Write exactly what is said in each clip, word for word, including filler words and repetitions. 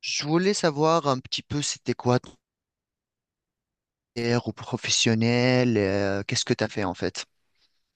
Je voulais savoir un petit peu c'était quoi ton carrière au professionnel, euh, qu'est-ce que tu as fait en fait?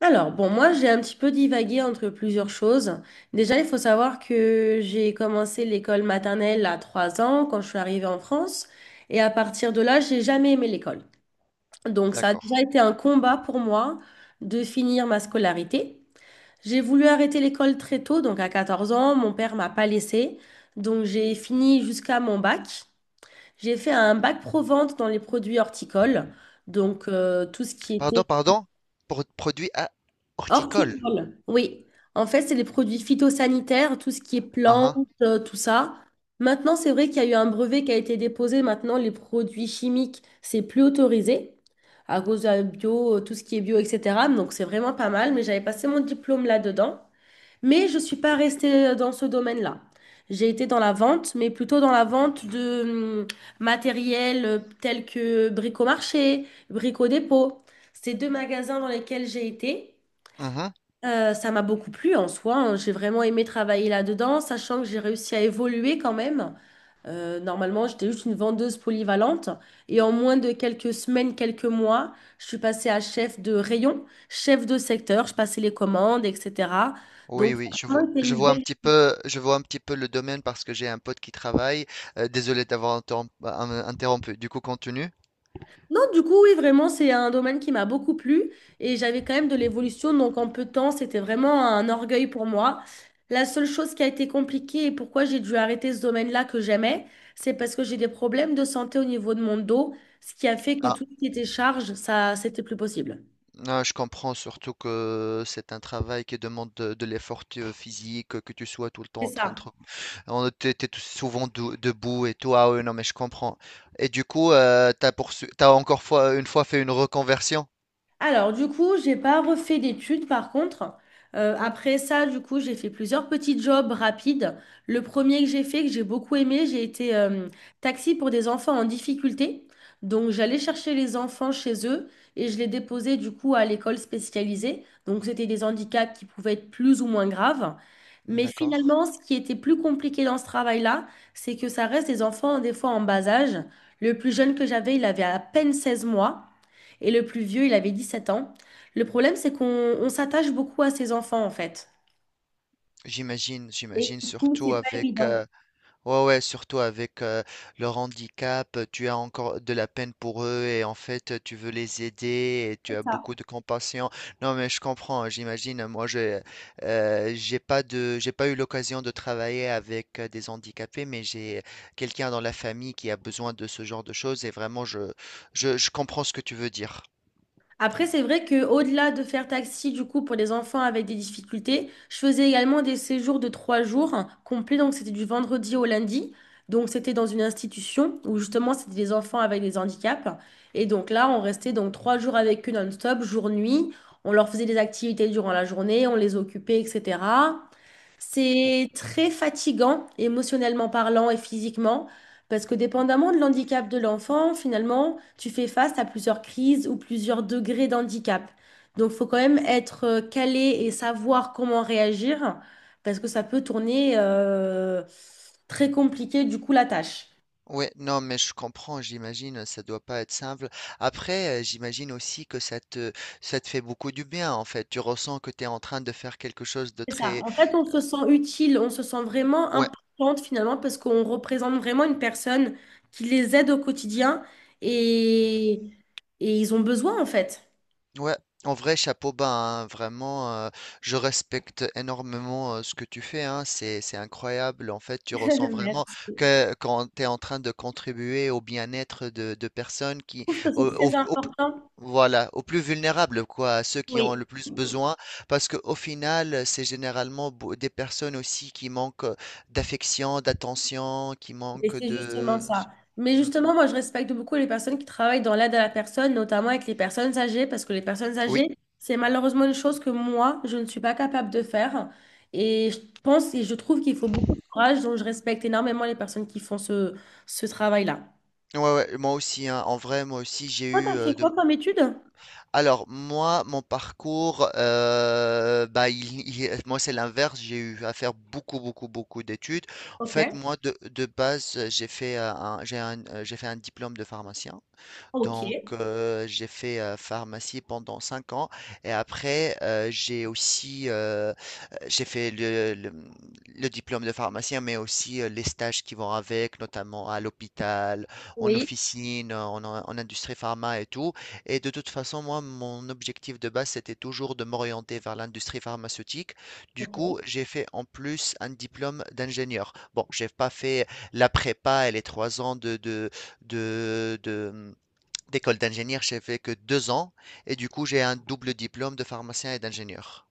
Alors, bon, moi, j'ai un petit peu divagué entre plusieurs choses. Déjà, il faut savoir que j'ai commencé l'école maternelle à trois ans quand je suis arrivée en France. Et à partir de là, j'ai jamais aimé l'école. Donc, ça a D'accord. déjà été un combat pour moi de finir ma scolarité. J'ai voulu arrêter l'école très tôt, donc à quatorze ans, mon père m'a pas laissée. Donc, j'ai fini jusqu'à mon bac. J'ai fait un bac pro-vente dans les produits horticoles. Donc, euh, tout ce qui était Pardon, pardon, pour produit à horticole. horticole, oui. En fait, c'est les produits phytosanitaires, tout ce qui est Uhum, plantes, euh, tout ça. Maintenant, c'est vrai qu'il y a eu un brevet qui a été déposé. Maintenant, les produits chimiques, c'est plus autorisé à cause de la bio, euh, tout ce qui est bio, et cetera. Donc, c'est vraiment pas mal. Mais j'avais passé mon diplôme là-dedans. Mais je ne suis pas restée euh, dans ce domaine-là. J'ai été dans la vente, mais plutôt dans la vente de hum, matériel euh, tel que Bricomarché, Brico Dépôt. C'est deux magasins dans lesquels j'ai été. uhum. Euh, ça m'a beaucoup plu en soi, hein. J'ai vraiment aimé travailler là-dedans, sachant que j'ai réussi à évoluer quand même. Euh, normalement, j'étais juste une vendeuse polyvalente. Et en moins de quelques semaines, quelques mois, je suis passée à chef de rayon, chef de secteur. Je passais les commandes, et cetera. Oui, Donc, ça oui, a je vois, vraiment été je une vois un belle. petit peu, je vois un petit peu le domaine parce que j'ai un pote qui travaille. Euh, désolé d'avoir interrom- euh, interrompu. Du coup, continue. Non, du coup, oui, vraiment, c'est un domaine qui m'a beaucoup plu et j'avais quand même de l'évolution. Donc, en peu de temps, c'était vraiment un orgueil pour moi. La seule chose qui a été compliquée et pourquoi j'ai dû arrêter ce domaine-là que j'aimais, c'est parce que j'ai des problèmes de santé au niveau de mon dos, ce qui a fait que tout ce qui était charge, ça, c'était plus possible. Ah, je comprends surtout que c'est un travail qui demande de, de l'effort euh, physique, que tu sois tout le temps C'est en train de... ça. te- On t'es, t'es tout- souvent dou- debout et tout. Ah oui, non, mais je comprends. Et du coup, euh, t'as poursu- t'as encore fois, une fois fait une reconversion? Alors, du coup, j'ai pas refait d'études par contre. Euh, après ça, du coup, j'ai fait plusieurs petits jobs rapides. Le premier que j'ai fait, que j'ai beaucoup aimé, j'ai été euh, taxi pour des enfants en difficulté. Donc, j'allais chercher les enfants chez eux et je les déposais du coup à l'école spécialisée. Donc, c'était des handicaps qui pouvaient être plus ou moins graves. Mais D'accord. finalement, ce qui était plus compliqué dans ce travail-là, c'est que ça reste des enfants des fois en bas âge. Le plus jeune que j'avais, il avait à peine seize mois. Et le plus vieux, il avait dix sept ans. Le problème, c'est qu'on on s'attache beaucoup à ses enfants, en fait. J'imagine, Et j'imagine du coup, surtout c'est pas avec... évident. euh, Ouais, ouais, surtout avec euh, leur handicap, tu as encore de la peine pour eux et en fait tu veux les aider et tu C'est as ça. beaucoup de compassion. Non, mais je comprends, j'imagine. Moi, je euh, j'ai pas de j'ai pas eu l'occasion de travailler avec euh, des handicapés, mais j'ai quelqu'un dans la famille qui a besoin de ce genre de choses et vraiment je je, je comprends ce que tu veux dire. Après, c'est vrai que au-delà de faire taxi, du coup, pour les enfants avec des difficultés, je faisais également des séjours de trois jours, hein, complets. Donc, c'était du vendredi au lundi. Donc, c'était dans une institution où justement, c'était des enfants avec des handicaps. Et donc là, on restait donc trois jours avec eux non-stop, jour-nuit. On leur faisait des activités durant la journée, on les occupait, et cetera. C'est très fatigant, émotionnellement parlant et physiquement, parce que dépendamment de l'handicap de l'enfant, finalement, tu fais face à plusieurs crises ou plusieurs degrés d'handicap. Donc, il faut quand même être euh, calé et savoir comment réagir, parce que ça peut tourner euh, très compliqué, du coup, la tâche. Ouais, non, mais je comprends, j'imagine, ça doit pas être simple. Après, euh, j'imagine aussi que ça te, ça te fait beaucoup du bien, en fait. Tu ressens que tu es en train de faire quelque chose de C'est ça. très, En fait, on se sent utile, on se sent vraiment ouais. importante finalement parce qu'on représente vraiment une personne qui les aide au quotidien et, et ils ont besoin en fait. Ouais, en vrai, chapeau bas, hein, vraiment, euh, je respecte énormément euh, ce que tu fais, hein, c'est, c'est incroyable. En fait, tu ressens vraiment Merci. Je que quand tu es en train de contribuer au bien-être de, de personnes qui, trouve que c'est au, très au- au important. voilà, aux plus vulnérables, quoi, à ceux qui ont Oui. le plus besoin, parce qu'au final, c'est généralement beau- des personnes aussi qui manquent euh, d'affection, d'attention, qui Et manquent c'est justement de... ça. Mais Mm. justement, moi, je respecte beaucoup les personnes qui travaillent dans l'aide à la personne, notamment avec les personnes âgées, parce que les personnes âgées, Oui, c'est malheureusement une chose que moi, je ne suis pas capable de faire. Et je pense et je trouve qu'il faut beaucoup de courage, donc je respecte énormément les personnes qui font ce, ce travail-là. ouais, ouais, moi aussi, hein, en vrai, moi aussi, j'ai Toi, eu t'as fait euh, de quoi comme étude? Alors, moi, mon parcours, euh, bah, il- il- moi, c'est l'inverse. J'ai eu à faire beaucoup, beaucoup, beaucoup d'études. En Ok. fait, moi, de, de base, j'ai fait euh, un, j'ai un- euh, j'ai fait un diplôme de pharmacien. Donc, Ok. euh, j'ai fait euh, pharmacie pendant cinq ans et après, euh, j'ai aussi euh, j'ai fait le, le- le diplôme de pharmacien, mais aussi euh, les stages qui vont avec, notamment à l'hôpital, en Oui. officine, en, en- industrie pharma et tout. Et de toute façon, moi, mon objectif de base, c'était toujours de m'orienter vers l'industrie pharmaceutique. Du Ok. coup, j'ai fait en plus un diplôme d'ingénieur. Bon, j'ai pas fait la prépa et les trois ans de, de, de, de, d'école d'ingénieur, j'ai fait que deux ans et du coup j'ai un double diplôme de pharmacien et d'ingénieur.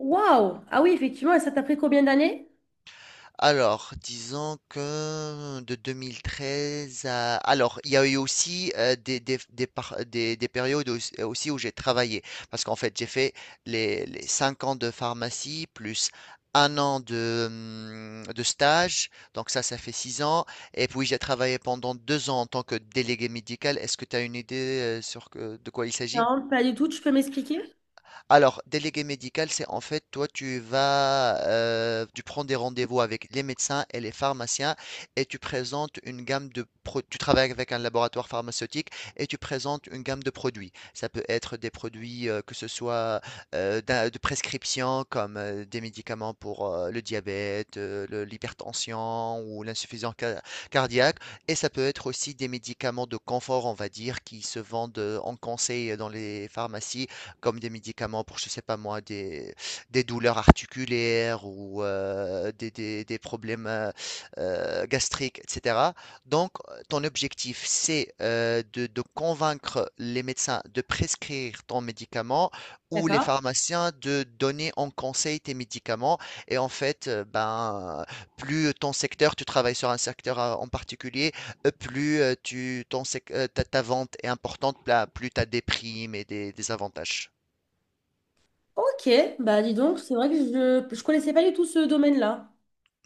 Waouh! Ah oui, effectivement, et ça t'a pris combien d'années? Alors, disons que de deux mille treize à... Alors, il y a eu aussi euh, des, des, des par- des- des périodes aussi aussi où j'ai travaillé. Parce qu'en fait, j'ai fait les, les cinq ans de pharmacie plus un an de, hum, de stage. Donc ça, ça fait six ans. Et puis, j'ai travaillé pendant deux ans en tant que délégué médical. Est-ce que tu as une idée euh, sur que- de quoi il s'agit? Non, pas du tout, tu peux m'expliquer? Alors, délégué médical, c'est en fait, toi, tu vas, euh, tu prends des rendez-vous avec les médecins et les pharmaciens et tu présentes une gamme de pro- tu travailles avec un laboratoire pharmaceutique et tu présentes une gamme de produits. Ça peut être des produits euh, que ce soit euh, d'un- de prescription comme euh, des médicaments pour euh, le diabète, euh, le- l'hypertension ou l'insuffisance ca- cardiaque et ça peut être aussi des médicaments de confort, on va dire, qui se vendent euh, en conseil euh, dans les pharmacies comme des médicaments pour, je sais pas moi, des, des douleurs articulaires ou euh, des, des- des problèmes euh, euh, gastriques, et cetera. Donc, ton objectif, c'est euh, de, de convaincre les médecins de prescrire ton médicament ou les D'accord. pharmaciens de donner en conseil tes médicaments. Et en fait, euh, ben, plus ton secteur, tu travailles sur un secteur euh, en particulier, euh, plus euh, tu, ton sec- euh, ta, ta vente est importante, là, plus tu as des primes et des des avantages. Ok, bah dis donc, c'est vrai que je ne connaissais pas du tout ce domaine-là.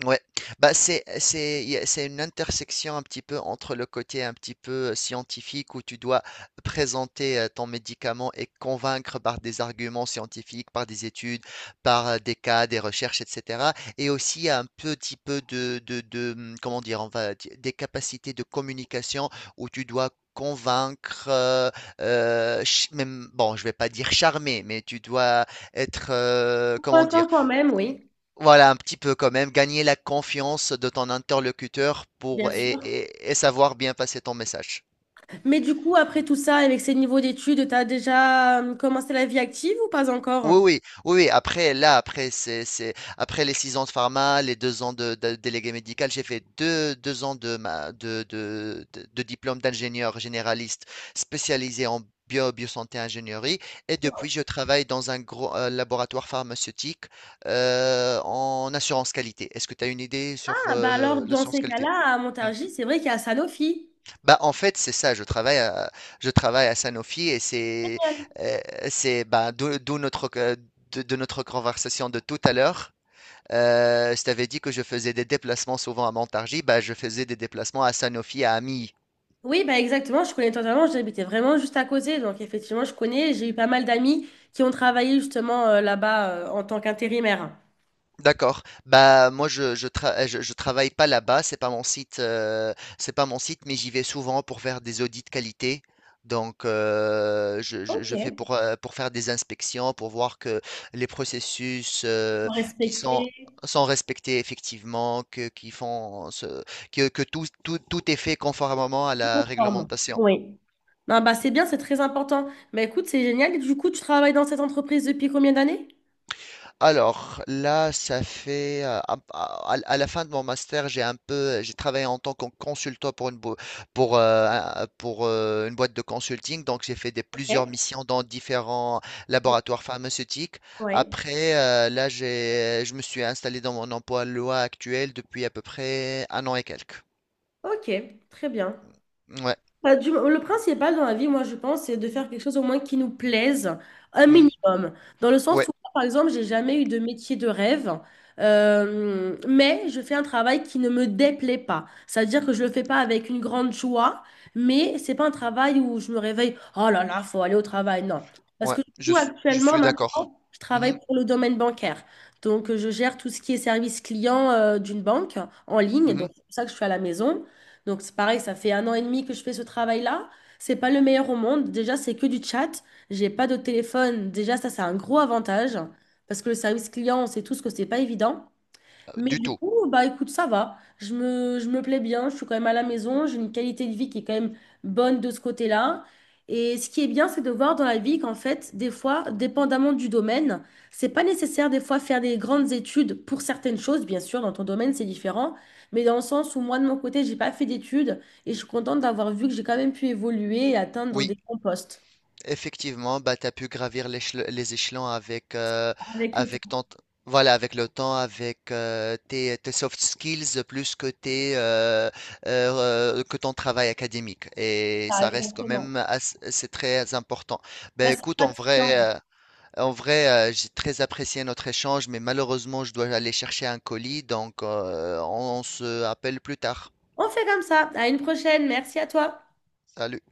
Ouais, bah, c'est c'est y a c'est une intersection un petit peu entre le côté un petit peu scientifique où tu dois présenter euh, ton médicament et convaincre par des arguments scientifiques, par des études, par euh, des cas, des recherches, et cetera. Et aussi un petit peu de, de, de, hum, comment dire, on va dire, des capacités de communication où tu dois convaincre, euh, euh, ch- même, bon, je vais pas dire charmer, mais tu dois être, euh, comment Convaincant dire, quand même, oui, voilà, un petit peu quand même, gagner la confiance de ton interlocuteur bien pour et, sûr. et- et savoir bien passer ton message. Mais du coup, après tout ça, avec ces niveaux d'études, tu as déjà euh, commencé la vie active ou pas encore? Oui, oui, oui, oui. Après, là, après, c'est, c'est, après les six ans de pharma, les deux ans de, de- délégué médical, j'ai fait deux, deux ans de, ma, de, de, de- de diplôme d'ingénieur généraliste spécialisé en bio, biosanté ingénierie. Et depuis, je travaille dans un gros euh, laboratoire pharmaceutique euh, en assurance qualité. Est-ce que tu as une idée sur Ah, bah alors, euh, dans l'assurance ces qualité? cas-là, à Hmm. Montargis, c'est vrai qu'il y a Sanofi. Bah, en fait, c'est ça, je travaille à, je travaille à Sanofi et c'est, Génial. euh, c'est, bah, d'où d'où notre, euh, de, de notre conversation de tout à l'heure. Euh, je t'avais dit que je faisais des déplacements souvent à Montargis, bah, je faisais des déplacements à Sanofi, à Ami. Oui, bah exactement, je connais totalement, j'habitais vraiment juste à côté, donc effectivement, je connais, j'ai eu pas mal d'amis qui ont travaillé justement euh, là-bas euh, en tant qu'intérimaire. D'accord. Bah moi je je, tra- euh, je je travaille pas là-bas, c'est pas mon site euh, c'est pas mon site, mais j'y vais souvent pour faire des audits qualité. Donc euh, je, je- Ok. je fais pour euh, pour faire des inspections, pour voir que les processus euh, Pour qui sont respecter sont respectés effectivement, que qui font ce- que, que tout, tout tout est fait conformément à la conforme. réglementation. Oui. Non, bah c'est bien, c'est très important. Bah écoute, c'est génial. Et du coup, tu travailles dans cette entreprise depuis combien d'années? Alors là, ça fait euh, à, à- à la fin de mon master, j'ai un peu, j'ai travaillé en tant que consultant pour une bo- pour euh, un- pour euh, une boîte de consulting. Donc j'ai fait des plusieurs Ok. missions dans différents laboratoires pharmaceutiques. Oui. Après, euh, là, j'ai, je me suis installé dans mon emploi loi actuel depuis à peu près un an et quelques. Ok, très bien. Ouais, Bah, du- le principal dans la vie, moi, je pense, c'est de faire quelque chose au moins qui nous plaise, un mm, minimum. Dans le sens ouais, où, par exemple, j'ai jamais eu de métier de rêve, euh, mais je fais un travail qui ne me déplaît pas. C'est-à-dire que je le fais pas avec une grande joie, mais c'est pas un travail où je me réveille, oh là là, faut aller au travail. Non. Parce ouais. que du Je, coup, suis- je actuellement, suis d'accord. maintenant, je travaille Mhm, pour le domaine bancaire. Donc, euh, je gère tout ce qui est service client, euh, d'une banque en ligne. mhm, Donc, c'est pour ça que je suis à la maison. Donc c'est pareil, ça fait un an et demi que je fais ce travail-là. C'est pas le meilleur au monde. Déjà, c'est que du chat. J'ai pas de téléphone. Déjà, ça, c'est un gros avantage parce que le service client, on sait tous que c'est pas évident. euh, Mais Du du tout. coup, bah écoute, ça va. Je me, je me plais bien, je suis quand même à la maison, j'ai une qualité de vie qui est quand même bonne de ce côté-là. Et ce qui est bien, c'est de voir dans la vie qu'en fait, des fois, dépendamment du domaine, c'est pas nécessaire des fois faire des grandes études pour certaines choses, bien sûr, dans ton domaine, c'est différent, mais dans le sens où moi, de mon côté, j'ai pas fait d'études et je suis contente d'avoir vu que j'ai quand même pu évoluer et atteindre Oui. des bons postes. Effectivement, bah, tu as pu gravir l'échel- les échelons avec, euh, Avec le avec temps, ton, voilà, avec le temps, avec euh, tes, tes soft skills, plus que, tes, euh, euh, euh, que ton travail académique. Et ah, ça reste quand même exactement. assez- c'est très important. Là, Ben, c'est écoute, en pratique. vrai, euh, en vrai euh, j'ai très apprécié notre échange, mais malheureusement, je dois aller chercher un colis, donc euh, on on se appelle plus tard. On fait comme ça. À une prochaine. Merci à toi. Salut.